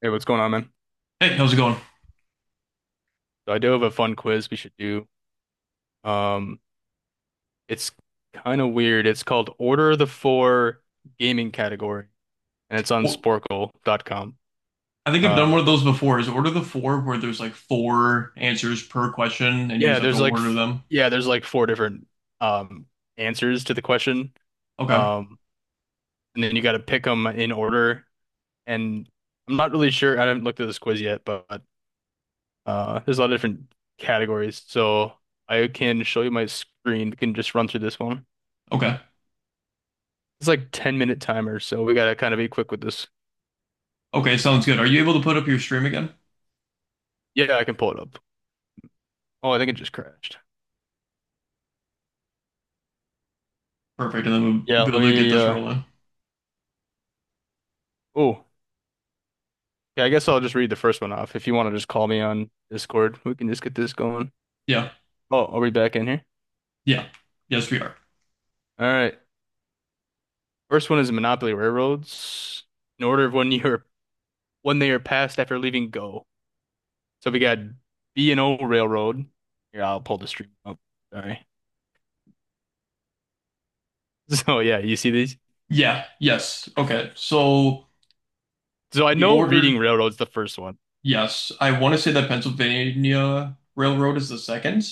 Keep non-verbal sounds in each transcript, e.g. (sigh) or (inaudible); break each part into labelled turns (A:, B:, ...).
A: Hey, what's going on, man?
B: Hey, how's it going?
A: So I do have a fun quiz we should do. Um, it's kind of weird. It's called Order of the Four Gaming Category, and it's on
B: Well,
A: Sporkle.com.
B: I think I've done
A: Uh,
B: one of those before. Is order the four where there's like four answers per question and you just
A: yeah,
B: have to
A: there's like
B: order them?
A: there's like four different um answers to the question.
B: Okay.
A: Um, and then you got to pick them in order. And I'm not really sure. I haven't looked at this quiz yet, but there's a lot of different categories. So I can show you my screen. We can just run through this one.
B: Okay.
A: It's like 10-minute timer, so we gotta kind of be quick with this.
B: Okay, sounds good. Are you able to put up your stream again?
A: Yeah, I can pull it up. Oh, I think it just crashed.
B: Perfect. And then we'll,
A: Yeah,
B: we'll be
A: let
B: able to get
A: me
B: this rolling.
A: oh. Yeah, I guess I'll just read the first one off. If you want to just call me on Discord, we can just get this going.
B: Yeah.
A: Oh, are we back in here?
B: Yeah. Yes, we are.
A: All right. First one is Monopoly Railroads. In order of when they are passed after leaving Go. So we got B&O Railroad. Here, I'll pull the stream up. Sorry. (laughs) So yeah, you see these?
B: Yeah. Yes. Okay. So
A: So I
B: the
A: know
B: order,
A: reading railroads the first one.
B: yes. I want to say that Pennsylvania Railroad is the second.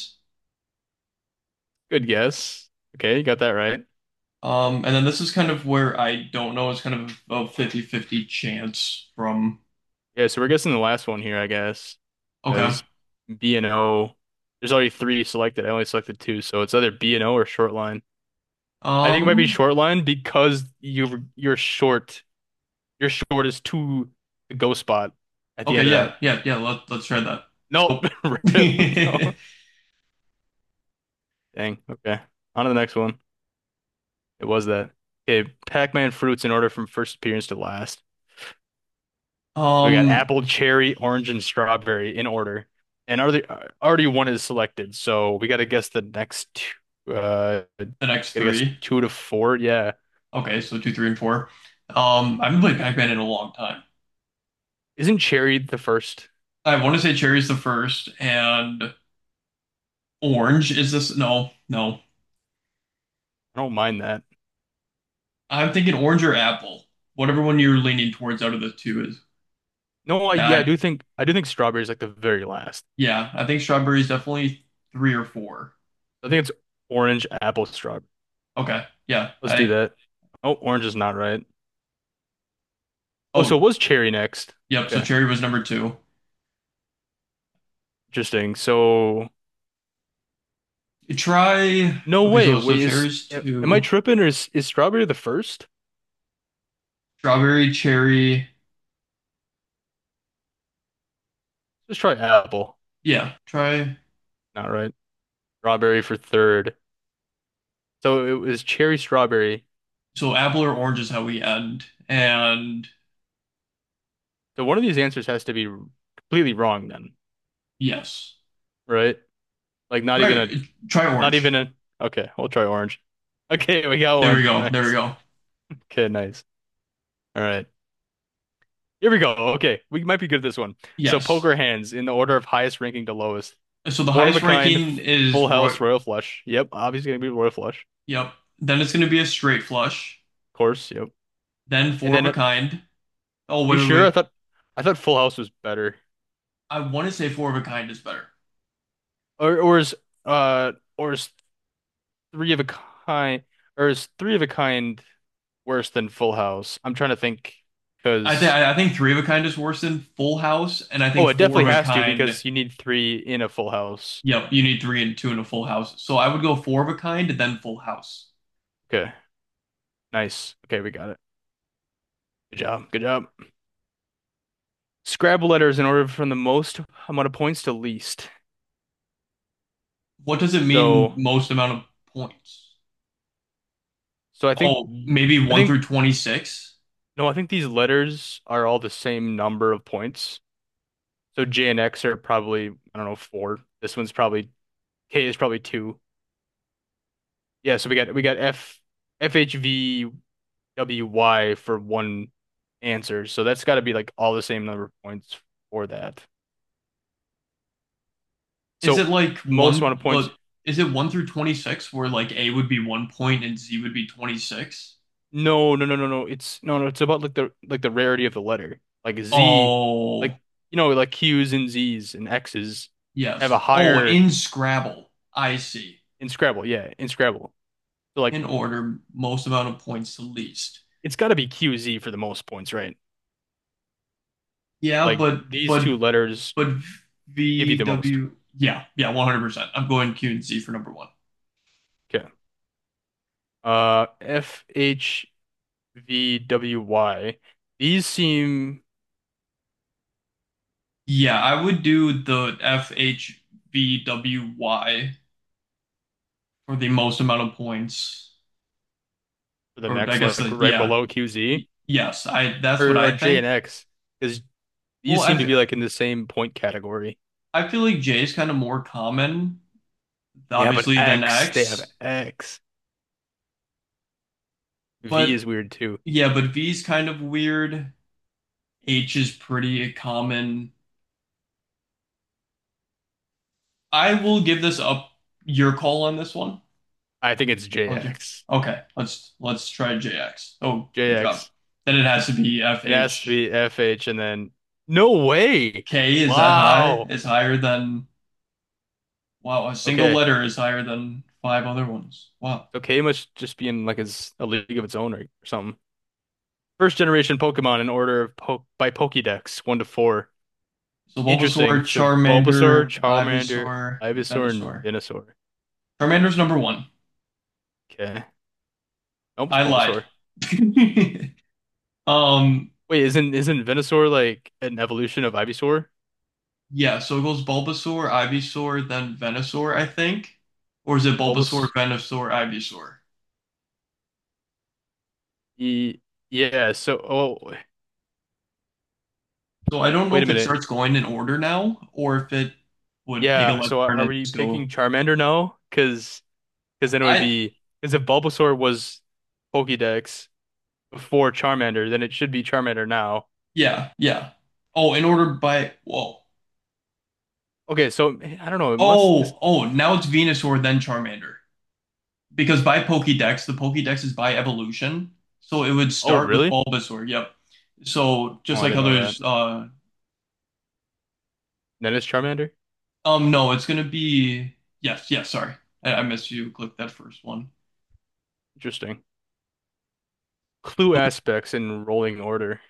A: Good guess. Okay, you got that right.
B: And then this is kind of where I don't know. It's kind of a fifty-fifty chance from.
A: Yeah, so we're guessing the last one here, I guess,
B: Okay.
A: because B&O, there's already three selected. I only selected two, so it's either B&O or short line. I think it might be
B: Um,
A: short line because you're short. Your short is to the go spot at the
B: Okay,
A: end of that.
B: yeah, yeah, yeah. Let's try that.
A: Nope.
B: Oh.
A: (laughs) Rip. No.
B: (laughs)
A: Dang. Okay. On to the next one. It was that. Okay. Pac-Man fruits in order from first appearance to last. We got
B: Um,
A: apple, cherry, orange, and strawberry in order. And already one is selected. So we got to guess the next two. Gotta
B: the next
A: guess
B: three.
A: two to four. Yeah.
B: Okay, so two, three, and four. I haven't played Pac-Man in a long time.
A: Isn't cherry the first?
B: I want to say cherry's the first, and orange is this. No, no.
A: I don't mind that.
B: I'm thinking orange or apple. Whatever one you're leaning towards out of the two is.
A: No, yeah,
B: I,
A: I do think strawberry is like the very last.
B: yeah, I think strawberry's definitely three or four.
A: I think it's orange, apple, strawberry.
B: Okay, yeah.
A: Let's do that. Oh, orange is not right. Oh, so
B: Oh,
A: it was cherry next.
B: yep. So
A: Okay.
B: cherry was number two.
A: Interesting. So,
B: Try.
A: no
B: Okay,
A: way.
B: so
A: Wait,
B: cherry's
A: am I
B: two.
A: tripping or is strawberry the first?
B: Strawberry, cherry.
A: Let's try apple.
B: Yeah, try.
A: Not right. Strawberry for third. So it was cherry strawberry.
B: So apple or orange is how we end. And
A: So one of these answers has to be completely wrong then,
B: yes.
A: right? Like not even a
B: Try try
A: not even
B: orange.
A: a okay, we'll try orange. (laughs) Okay, we got
B: There we
A: one.
B: go. There we
A: Nice.
B: go.
A: Okay, nice. All right. Here we go. Okay, we might be good at this one. So
B: Yes.
A: poker hands in the order of highest ranking to lowest.
B: So the
A: Four of a
B: highest
A: kind,
B: ranking is
A: full
B: Roy.
A: house, royal flush. Yep, obviously gonna be royal flush.
B: Yep. Then it's going to be a straight flush.
A: Of course, yep.
B: Then
A: And
B: four of
A: then
B: a
A: are
B: kind. Oh,
A: you
B: wait, wait,
A: sure? I
B: wait.
A: thought I thought full house was better.
B: I want to say four of a kind is better.
A: Or is or is three of a kind, or is three of a kind worse than Full House? I'm trying to think
B: I think
A: because
B: I I think three of a kind is worse than full house, and I think
A: oh, it
B: four
A: definitely
B: of a
A: has to
B: kind.
A: because you need three in a Full House.
B: Yep, you need three and two in a full house. So I would go four of a kind, then full house.
A: Okay, nice. Okay, we got it. Good job. Good job. Scrabble letters in order from the most amount of points to least.
B: What does it mean
A: So,
B: most amount of points?
A: so,
B: Oh, maybe
A: I
B: one
A: think
B: through 26?
A: no, I think these letters are all the same number of points. So J and X are probably, I don't know, four. This one's probably K is probably two. Yeah, so we got F, FHV. WY for one answer. So that's got to be like all the same number of points for that.
B: Is it
A: So
B: like
A: most
B: one,
A: amount of
B: uh,
A: points.
B: is it one through 26 where like A would be 1 point and Z would be 26?
A: No, no, no, no, no. It's no, no. It's about like the rarity of the letter. Like Z, like,
B: Oh,
A: like Q's and Z's and X's have a
B: yes. Oh,
A: higher
B: in Scrabble. I see.
A: in Scrabble. Yeah, in Scrabble. So like
B: In order, most amount of points to least.
A: it's got to be QZ for the most points, right?
B: Yeah,
A: Like
B: but,
A: these
B: but,
A: two letters
B: but
A: give you the most.
B: VW. Yeah, yeah, 100%. I'm going Q and Z for number one.
A: Okay. F H V W Y. These seem
B: Yeah, I would do the F H V W Y for the most amount of points.
A: the
B: Or I
A: next,
B: guess
A: like right
B: yeah.
A: below QZ
B: Yes, I that's what
A: or
B: I
A: J and
B: think.
A: X, because
B: Well,
A: these
B: I
A: seem to
B: f
A: be like in the same point category.
B: I feel like J is kind of more common,
A: Yeah, but
B: obviously, than
A: X, they have
B: X,
A: X. V
B: but
A: is weird too.
B: yeah, but V is kind of weird. H is pretty common. I will give this up your call on this one.
A: I think it's
B: I'll do.
A: JX.
B: Okay, let's try JX. Oh, good job.
A: JX.
B: Then it has to be
A: It has to
B: FHK.
A: be FH and then no way.
B: Is that high?
A: Wow.
B: Is higher than wow, a single
A: Okay.
B: letter is higher than five other ones. Wow.
A: So K must just be in like his a league of its own or something. First generation Pokemon in order of po by Pokédex, one to four.
B: So Bulbasaur,
A: Interesting. So Bulbasaur,
B: Charmander,
A: Charmander,
B: Ivysaur, and
A: Ivysaur, and
B: Venusaur.
A: Venusaur.
B: Charmander's number one.
A: Okay. Almost
B: I lied.
A: Bulbasaur.
B: (laughs) Um,
A: Wait, isn't Venusaur like an evolution of Ivysaur?
B: yeah, so it goes Bulbasaur, Ivysaur, then Venusaur, I think. Or is it Bulbasaur,
A: Bulbas
B: Venusaur, Ivysaur?
A: e yeah, so, oh,
B: So I don't know
A: wait a
B: if it
A: minute.
B: starts going in order now or if it would take a
A: Yeah,
B: left
A: so are
B: turn
A: are
B: and
A: we
B: just go.
A: picking Charmander now? Cause then it would
B: I
A: be because if Bulbasaur was Pokédex before Charmander, then it should be Charmander now.
B: Yeah, yeah. Oh, in order by whoa.
A: Okay, so I don't know. It must this
B: Oh, now it's Venusaur, then Charmander. Because by Pokédex, the Pokédex is by evolution. So it would
A: Oh,
B: start with
A: really?
B: Bulbasaur. Yep. So
A: Oh,
B: just
A: I
B: like
A: didn't know that.
B: others,
A: Then it's Charmander?
B: no, it's gonna be yes, yes. Sorry, I missed you. Click that first one.
A: Interesting. Clue aspects in rolling order.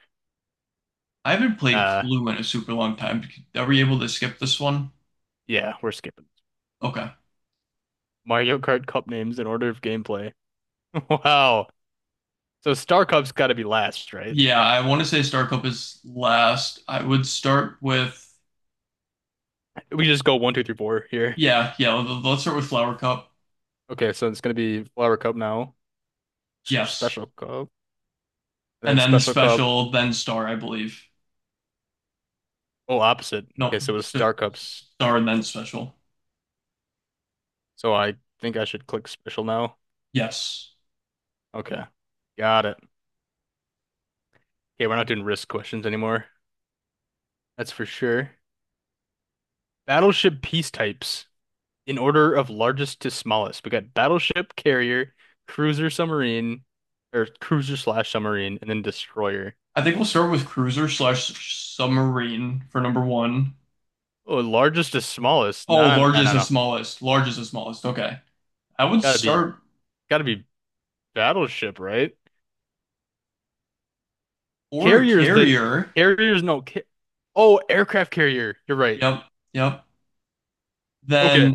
B: I haven't played
A: Uh
B: Clue in a super long time. Are we able to skip this one?
A: yeah, we're skipping.
B: Okay.
A: Mario Kart Cup names in order of gameplay. (laughs) Wow. So Star Cup's got to be last, right?
B: Yeah, I want to say Star Cup is last. I would start with,
A: We just go one, two, three, four here.
B: yeah, yeah. Let's start with Flower Cup.
A: Okay, so it's gonna be Flower Cup now. It's your
B: Yes,
A: Special Cup, and
B: and
A: then
B: then
A: Special Cup.
B: Special, then Star, I believe.
A: Oh, opposite.
B: No,
A: Okay, so it was
B: st-
A: Star Cup's
B: Star and then
A: Special.
B: Special.
A: So I think I should click Special now.
B: Yes.
A: Okay, got it. Okay, we're not doing risk questions anymore. That's for sure. Battleship piece types in order of largest to smallest. We got battleship, carrier, cruiser, submarine, or cruiser slash submarine, and then destroyer.
B: I think we'll start with cruiser slash submarine for number one.
A: Oh, largest to smallest.
B: Oh,
A: No, no, no,
B: largest
A: no,
B: and
A: no. It's
B: smallest. Largest and smallest. Okay. I would
A: gotta be
B: start
A: gotta be battleship, right?
B: or a
A: Carrier's the
B: carrier.
A: carrier's no ca Oh, aircraft carrier. You're right.
B: Yep. Yep.
A: Okay.
B: Then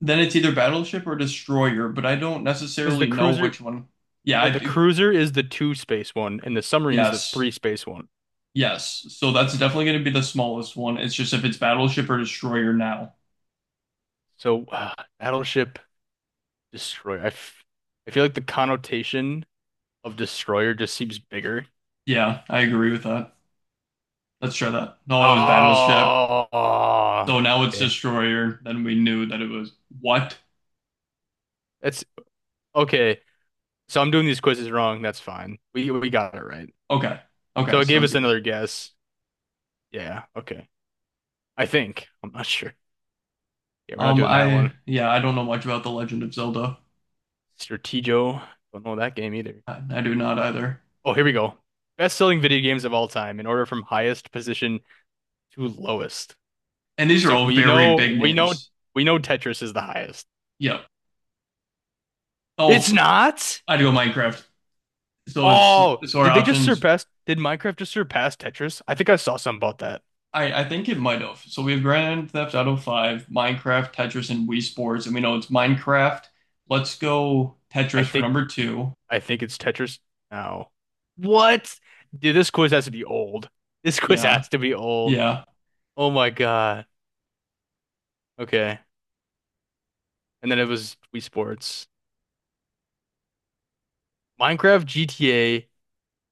B: then it's either battleship or destroyer, but I don't
A: Because the
B: necessarily know which
A: cruiser
B: one. Yeah,
A: no,
B: I
A: the
B: do.
A: cruiser is the two space one and the submarine's the
B: Yes.
A: three space one.
B: Yes. So that's definitely going to be the smallest one. It's just if it's battleship or destroyer now.
A: So battleship destroyer. I feel like the connotation of destroyer just seems bigger.
B: Yeah, I agree with that. Let's try that. No, it was battleship.
A: Oh,
B: So now it's
A: okay.
B: destroyer. Then we knew that it was what?
A: That's okay. So I'm doing these quizzes wrong. That's fine. We got it right.
B: Okay. Okay,
A: So it gave
B: sounds
A: us
B: good.
A: another guess. Yeah, okay. I think. I'm not sure. Yeah, we're not doing that
B: I
A: one.
B: Yeah, I don't know much about The Legend of Zelda.
A: Stratego. Don't know that game either.
B: I do not either.
A: Oh, here we go. Best-selling video games of all time in order from highest position to lowest.
B: And these are
A: So
B: all
A: we
B: very
A: know
B: big
A: we know
B: names.
A: we know Tetris is the highest.
B: Yep. Oh,
A: It's not?
B: I'd go Minecraft. So it's
A: Oh,
B: so our options.
A: did Minecraft just surpass Tetris? I think I saw something about that.
B: I think it might have. So we have Grand Theft Auto 5, Minecraft, Tetris, and Wii Sports, and we know it's Minecraft. Let's go
A: I
B: Tetris for
A: think
B: number two.
A: I think it's Tetris now. What? Dude, this quiz has to be old. This quiz
B: Yeah.
A: has to be old.
B: Yeah.
A: Oh my God. Okay. And then it was Wii Sports. Minecraft, GTA,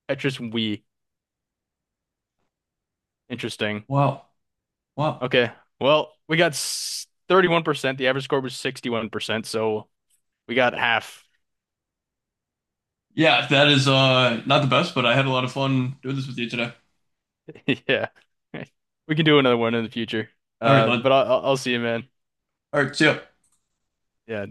A: Tetris, and Wii. Interesting.
B: Wow. Wow.
A: Okay. Well, we got 31%. The average score was 61%, so we got half.
B: Yeah, that is not the best, but I had a lot of fun doing this with you today.
A: (laughs) Yeah. (laughs) We can do another one in the future.
B: All right,
A: Uh, but I'll see you, man.
B: all right, see ya.
A: Yeah.